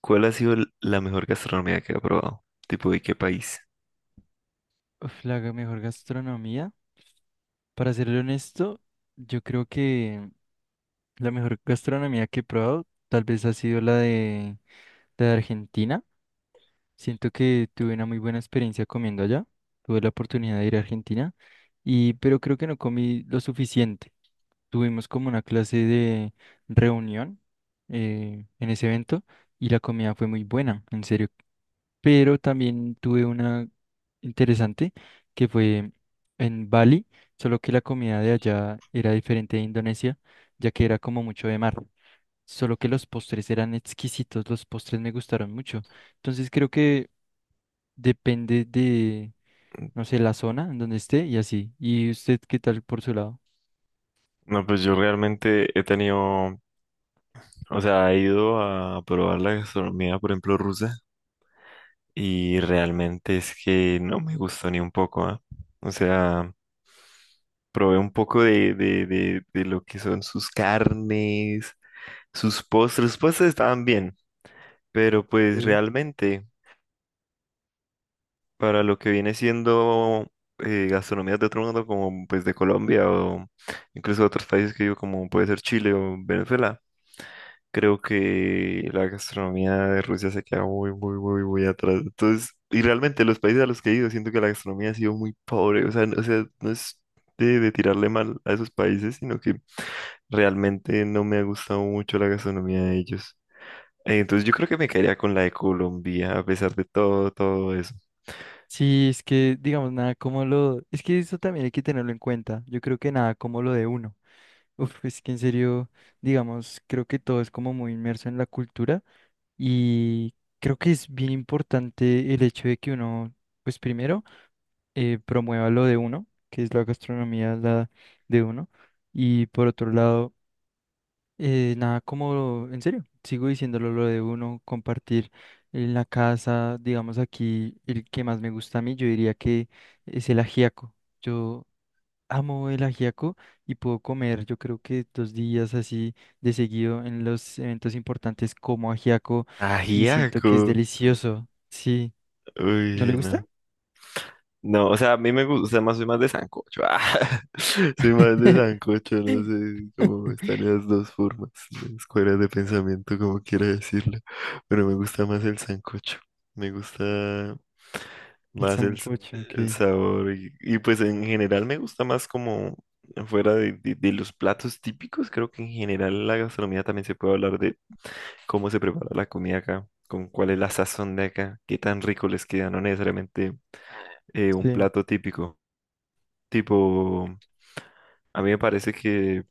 ¿Cuál ha sido la mejor gastronomía que ha probado? ¿Tipo de qué país? Mejor gastronomía. Para serle honesto, yo creo que la mejor gastronomía que he probado tal vez ha sido la de Argentina. Siento que tuve una muy buena experiencia comiendo allá. Tuve la oportunidad de ir a Argentina y pero creo que no comí lo suficiente. Tuvimos como una clase de reunión en ese evento y la comida fue muy buena. En serio pero también tuve una interesante que fue en Bali, solo que la comida de allá era diferente de Indonesia, ya que era como mucho de mar, solo que los postres eran exquisitos, los postres me gustaron mucho. Entonces creo que depende de, no sé, la zona en donde esté y así. ¿Y usted qué tal por su lado? No, pues yo realmente he tenido, o sea, he ido a probar la gastronomía, por ejemplo, rusa, y realmente es que no me gustó ni un poco, ¿ah? O sea, probé un poco de lo que son sus carnes, sus postres. Los postres estaban bien, pero pues realmente para lo que viene siendo gastronomías de otro mundo, como pues de Colombia o incluso de otros países que digo, como puede ser Chile o Venezuela, creo que la gastronomía de Rusia se queda muy, muy, muy, muy atrás. Entonces, y realmente los países a los que he ido, siento que la gastronomía ha sido muy pobre, o sea, o sea, no es de tirarle mal a esos países, sino que realmente no me ha gustado mucho la gastronomía de ellos. Entonces yo creo que me quedaría con la de Colombia, a pesar de todo, todo eso. Sí, es que, digamos, nada como lo... Es que eso también hay que tenerlo en cuenta. Yo creo que nada como lo de uno. Uf, es que en serio, digamos, creo que todo es como muy inmerso en la cultura y creo que es bien importante el hecho de que uno, pues primero, promueva lo de uno, que es la gastronomía la de uno, y por otro lado, nada, como en serio, sigo diciéndolo lo de uno, compartir en la casa, digamos aquí, el que más me gusta a mí, yo diría que es el ajiaco. Yo amo el ajiaco y puedo comer, yo creo que dos días así de seguido en los eventos importantes como ajiaco y siento Ajiaco. que es delicioso. Sí, ¿no le Uy, no. gusta? No, o sea, a mí me gusta, o sea, más, soy más de sancocho. Ah. Soy más de sancocho, no sé cómo están esas dos formas, las escuelas de pensamiento, como quiera decirlo. Pero me gusta más el sancocho. Me gusta El más sancocho, el ok. sabor. Pues en general me gusta más como fuera de, de los platos típicos. Creo que en general la gastronomía también se puede hablar de cómo se prepara la comida acá, con cuál es la sazón de acá, qué tan rico les queda. No necesariamente un Sí, plato típico. Tipo, a mí me parece que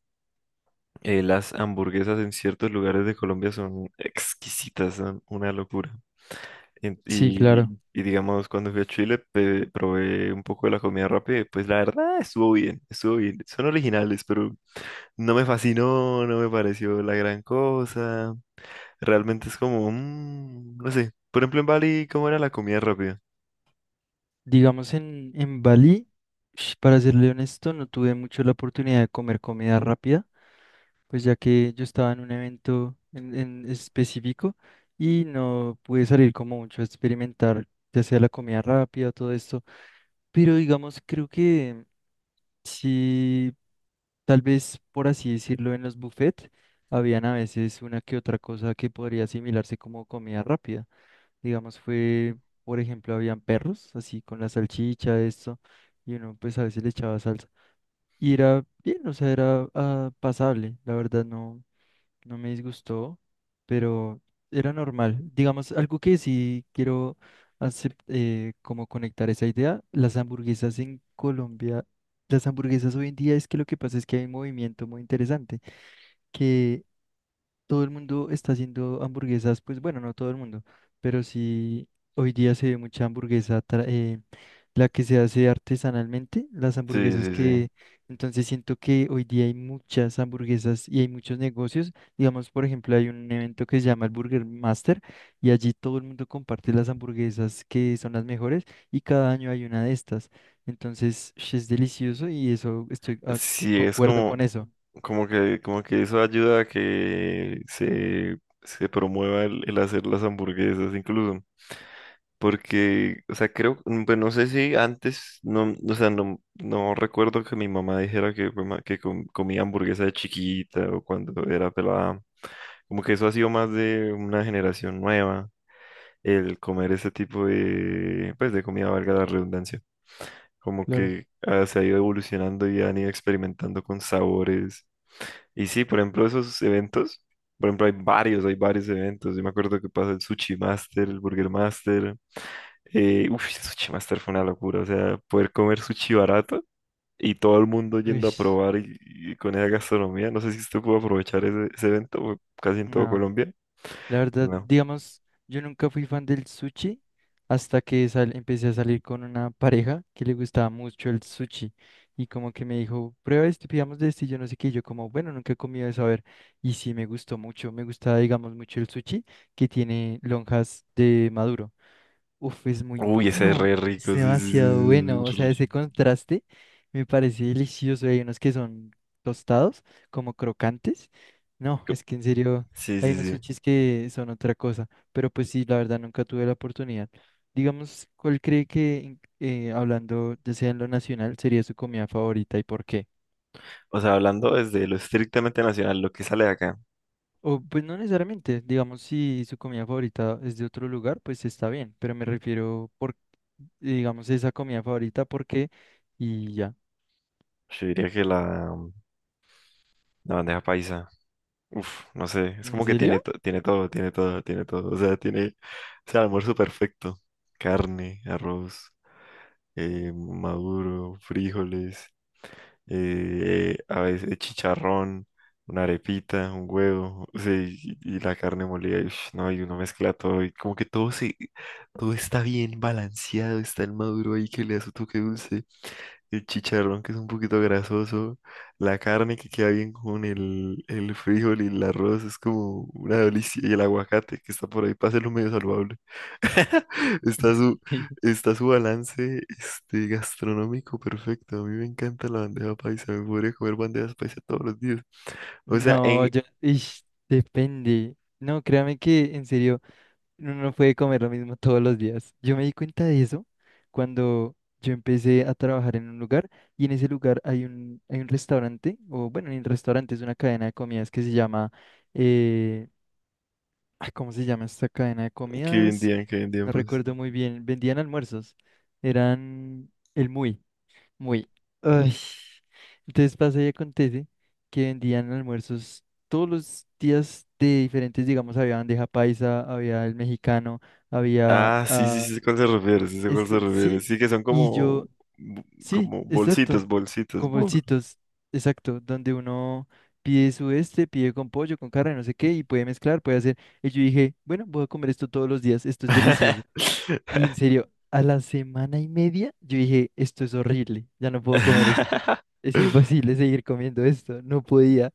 las hamburguesas en ciertos lugares de Colombia son exquisitas, son una locura. Sí, claro. Y digamos, cuando fui a Chile, probé un poco de la comida rápida y pues la verdad estuvo bien, estuvo bien. Son originales, pero no me fascinó, no me pareció la gran cosa. Realmente es como, no sé. Por ejemplo, en Bali, ¿cómo era la comida rápida? Digamos en Bali, para serle honesto, no tuve mucho la oportunidad de comer comida rápida, pues ya que yo estaba en un evento en específico y no pude salir como mucho a experimentar, ya sea la comida rápida, todo esto. Pero digamos, creo que sí, tal vez por así decirlo, en los buffets, habían a veces una que otra cosa que podría asimilarse como comida rápida. Digamos, fue, por ejemplo, habían perros, así con la salchicha, esto, y uno pues a veces le echaba salsa. Y era bien, o sea, era pasable, la verdad no, no me disgustó, pero era normal. Digamos, algo que sí quiero hacer, como conectar esa idea, las hamburguesas en Colombia, las hamburguesas hoy en día es que lo que pasa es que hay un movimiento muy interesante, que todo el mundo está haciendo hamburguesas, pues bueno, no todo el mundo, pero sí hoy día se ve mucha hamburguesa, la que se hace artesanalmente, las Sí, sí, hamburguesas sí. que, entonces siento que hoy día hay muchas hamburguesas y hay muchos negocios, digamos, por ejemplo, hay un evento que se llama el Burger Master y allí todo el mundo comparte las hamburguesas que son las mejores y cada año hay una de estas, entonces es delicioso y eso estoy Sí, es concuerdo como… con eso. Como que, como que eso ayuda a que se promueva el hacer las hamburguesas incluso. Porque, o sea, creo, pues no sé si antes, no, o sea, no, no recuerdo que mi mamá dijera que, que comía hamburguesa de chiquita o cuando era pelada. Como que eso ha sido más de una generación nueva, el comer ese tipo de, pues, de comida, valga la redundancia, como Claro. que se ha ido evolucionando y han ido experimentando con sabores. Y sí, por ejemplo, esos eventos, por ejemplo, hay varios eventos. Yo me acuerdo que pasó el Sushi Master, el Burger Master. Uf, el Sushi Master fue una locura, o sea, poder comer sushi barato y todo el mundo Uy, yendo a probar y con esa gastronomía. No sé si usted pudo aprovechar ese, ese evento, fue casi en todo no. Colombia. La verdad, No. digamos, yo nunca fui fan del sushi hasta que empecé a salir con una pareja que le gustaba mucho el sushi y como que me dijo, prueba esto, pidamos de este y yo no sé qué, y yo como, bueno, nunca he comido eso, a ver, y sí me gustó mucho, me gustaba, digamos, mucho el sushi que tiene lonjas de maduro. Uf, es muy Uy, ese es bueno, re es rico, sí, demasiado sí, bueno. O sí. sea, ese contraste me parece delicioso. Hay unos que son tostados, como crocantes. No, es que en serio, Sí, hay sí, unos sí. sushis que son otra cosa. Pero pues sí, la verdad nunca tuve la oportunidad. Digamos, ¿cuál cree que, hablando ya sea en lo nacional, sería su comida favorita y por qué? O sea, hablando desde lo estrictamente nacional, lo que sale de acá, O, pues no necesariamente, digamos, si su comida favorita es de otro lugar, pues está bien, pero me refiero por, digamos, esa comida favorita porque y ya. yo diría que la bandeja paisa, uf, no sé, es ¿En como que serio? tiene, tiene todo, tiene todo, tiene todo, o sea, tiene, o sea, el almuerzo perfecto: carne, arroz, maduro, frijoles, a veces chicharrón, una arepita, un huevo. O sea, y la carne molida, y, ush, no, y uno mezcla todo, y como que todo se, todo está bien balanceado, está el maduro ahí que le da su toque dulce, el chicharrón que es un poquito grasoso, la carne que queda bien con el frijol y el arroz, es como una delicia, y el aguacate que está por ahí para hacerlo medio saludable. Está. Sí. Está su balance este, gastronómico perfecto. A mí me encanta la bandeja paisa. Me podría comer bandejas paisa todos los días. O sea, No, en… yo, depende. No, créame que en serio, uno no puede comer lo mismo todos los días. Yo me di cuenta de eso cuando yo empecé a trabajar en un lugar y en ese lugar hay un restaurante, o bueno, ni un restaurante, es una cadena de comidas que se llama, eh, ay, ¿cómo se llama esta cadena de Que comidas? vendían, que vendían, No pues. recuerdo muy bien. Vendían almuerzos. Eran el Muy, Muy. Ay. Entonces pasa y acontece que vendían almuerzos todos los días de diferentes, digamos, había bandeja paisa, había el mexicano, había... Ah, sí, sí, sí, sé cuál se refiere, sí, sé cuál esto, se refiere. sí, Sí, que son y como, yo... bo- Sí, como exacto. bolsitas, bolsitas, Con bol. bolsitos, exacto, donde uno pide su este, pide con pollo, con carne, no sé qué, y puede mezclar, puede hacer. Y yo dije, bueno, voy a comer esto todos los días, esto es delicioso. Y en serio, a la semana y media, yo dije, esto es horrible, ya no puedo comer esto, es imposible seguir comiendo esto, no podía.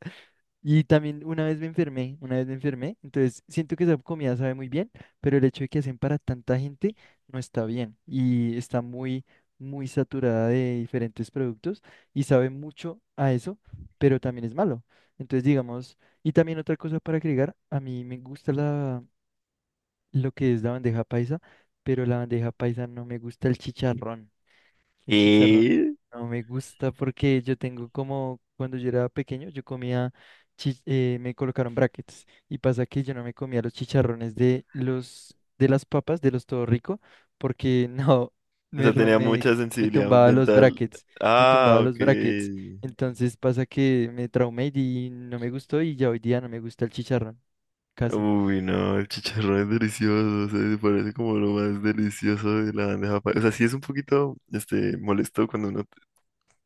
Y también una vez me enfermé, una vez me enfermé, entonces siento que esa comida sabe muy bien, pero el hecho de que hacen para tanta gente no está bien y está muy, muy saturada de diferentes productos y sabe mucho a eso, pero también es malo. Entonces, digamos, y también otra cosa para agregar, a mí me gusta la, lo que es la bandeja paisa, pero la bandeja paisa no me gusta el chicharrón. El chicharrón ¿Qué? no me gusta porque yo tengo como, cuando yo era pequeño, yo comía, me colocaron brackets y pasa que yo no me comía los chicharrones de de las papas, de los Todo Rico, porque no, O me, sea, tenía mucha me sensibilidad tumbaba los dental. brackets, me tumbaba Ah, ok. los brackets. Entonces pasa que me traumé y no me gustó y ya hoy día no me gusta el chicharrón, casi. Uy, no, el chicharrón es delicioso, o sea, me parece como lo más delicioso de la bandeja paisa. O sea, sí es un poquito, este, molesto cuando uno,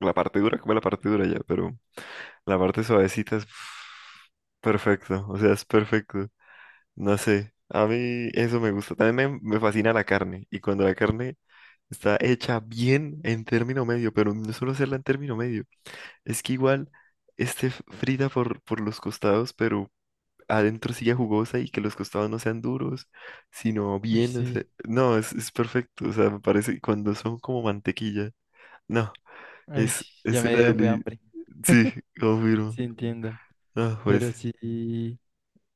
la parte dura, come la parte dura ya, pero la parte suavecita es perfecto, o sea, es perfecto. No sé, a mí eso me gusta. También me fascina la carne, y cuando la carne está hecha bien en término medio, pero no solo hacerla en término medio, es que igual esté frita por los costados, pero adentro silla jugosa y que los costados no sean duros, sino Uy, bien, o sea, sí, no, es perfecto, o sea, me parece cuando son como mantequilla, no, ay, ya es me una dio fue delicia, hambre, sí, confirmo, sí entiendo, no, pero pues, sí.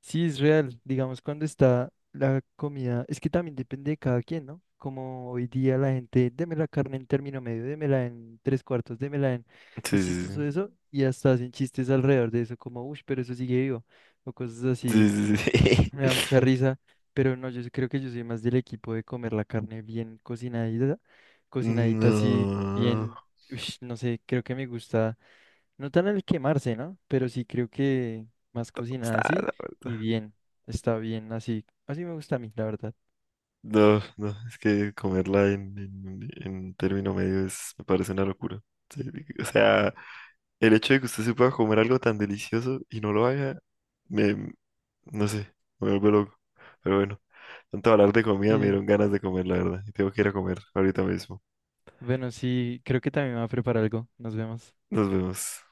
Sí, es real. Digamos, cuando está la comida, es que también depende de cada quien, ¿no? Como hoy día la gente, deme la carne en término medio, démela en tres cuartos, démela en... sí, Es chistoso sí, eso y hasta hacen chistes alrededor de eso, como, uff, pero eso sigue vivo, o cosas así. sí, sí, sí, sí. Me da mucha risa, pero no, yo sí creo que yo soy más del equipo de comer la carne bien cocinadita, cocinadita así, No, bien, ush, no sé, creo que me gusta. No tan al quemarse, ¿no? Pero sí creo que más cocinada está, así la y verdad. bien, está bien así. Así me gusta a mí, la verdad. No, no, es que comerla en término medio es, me parece una locura. Sí, o sea, el hecho de que usted se pueda comer algo tan delicioso y no lo haga, me, no sé, me vuelvo loco. Pero bueno, tanto hablar de comida me Eh, dieron ganas de comer, la verdad. Y tengo que ir a comer ahorita mismo. bueno, sí, creo que también me va a preparar algo. Nos vemos. Nos vemos.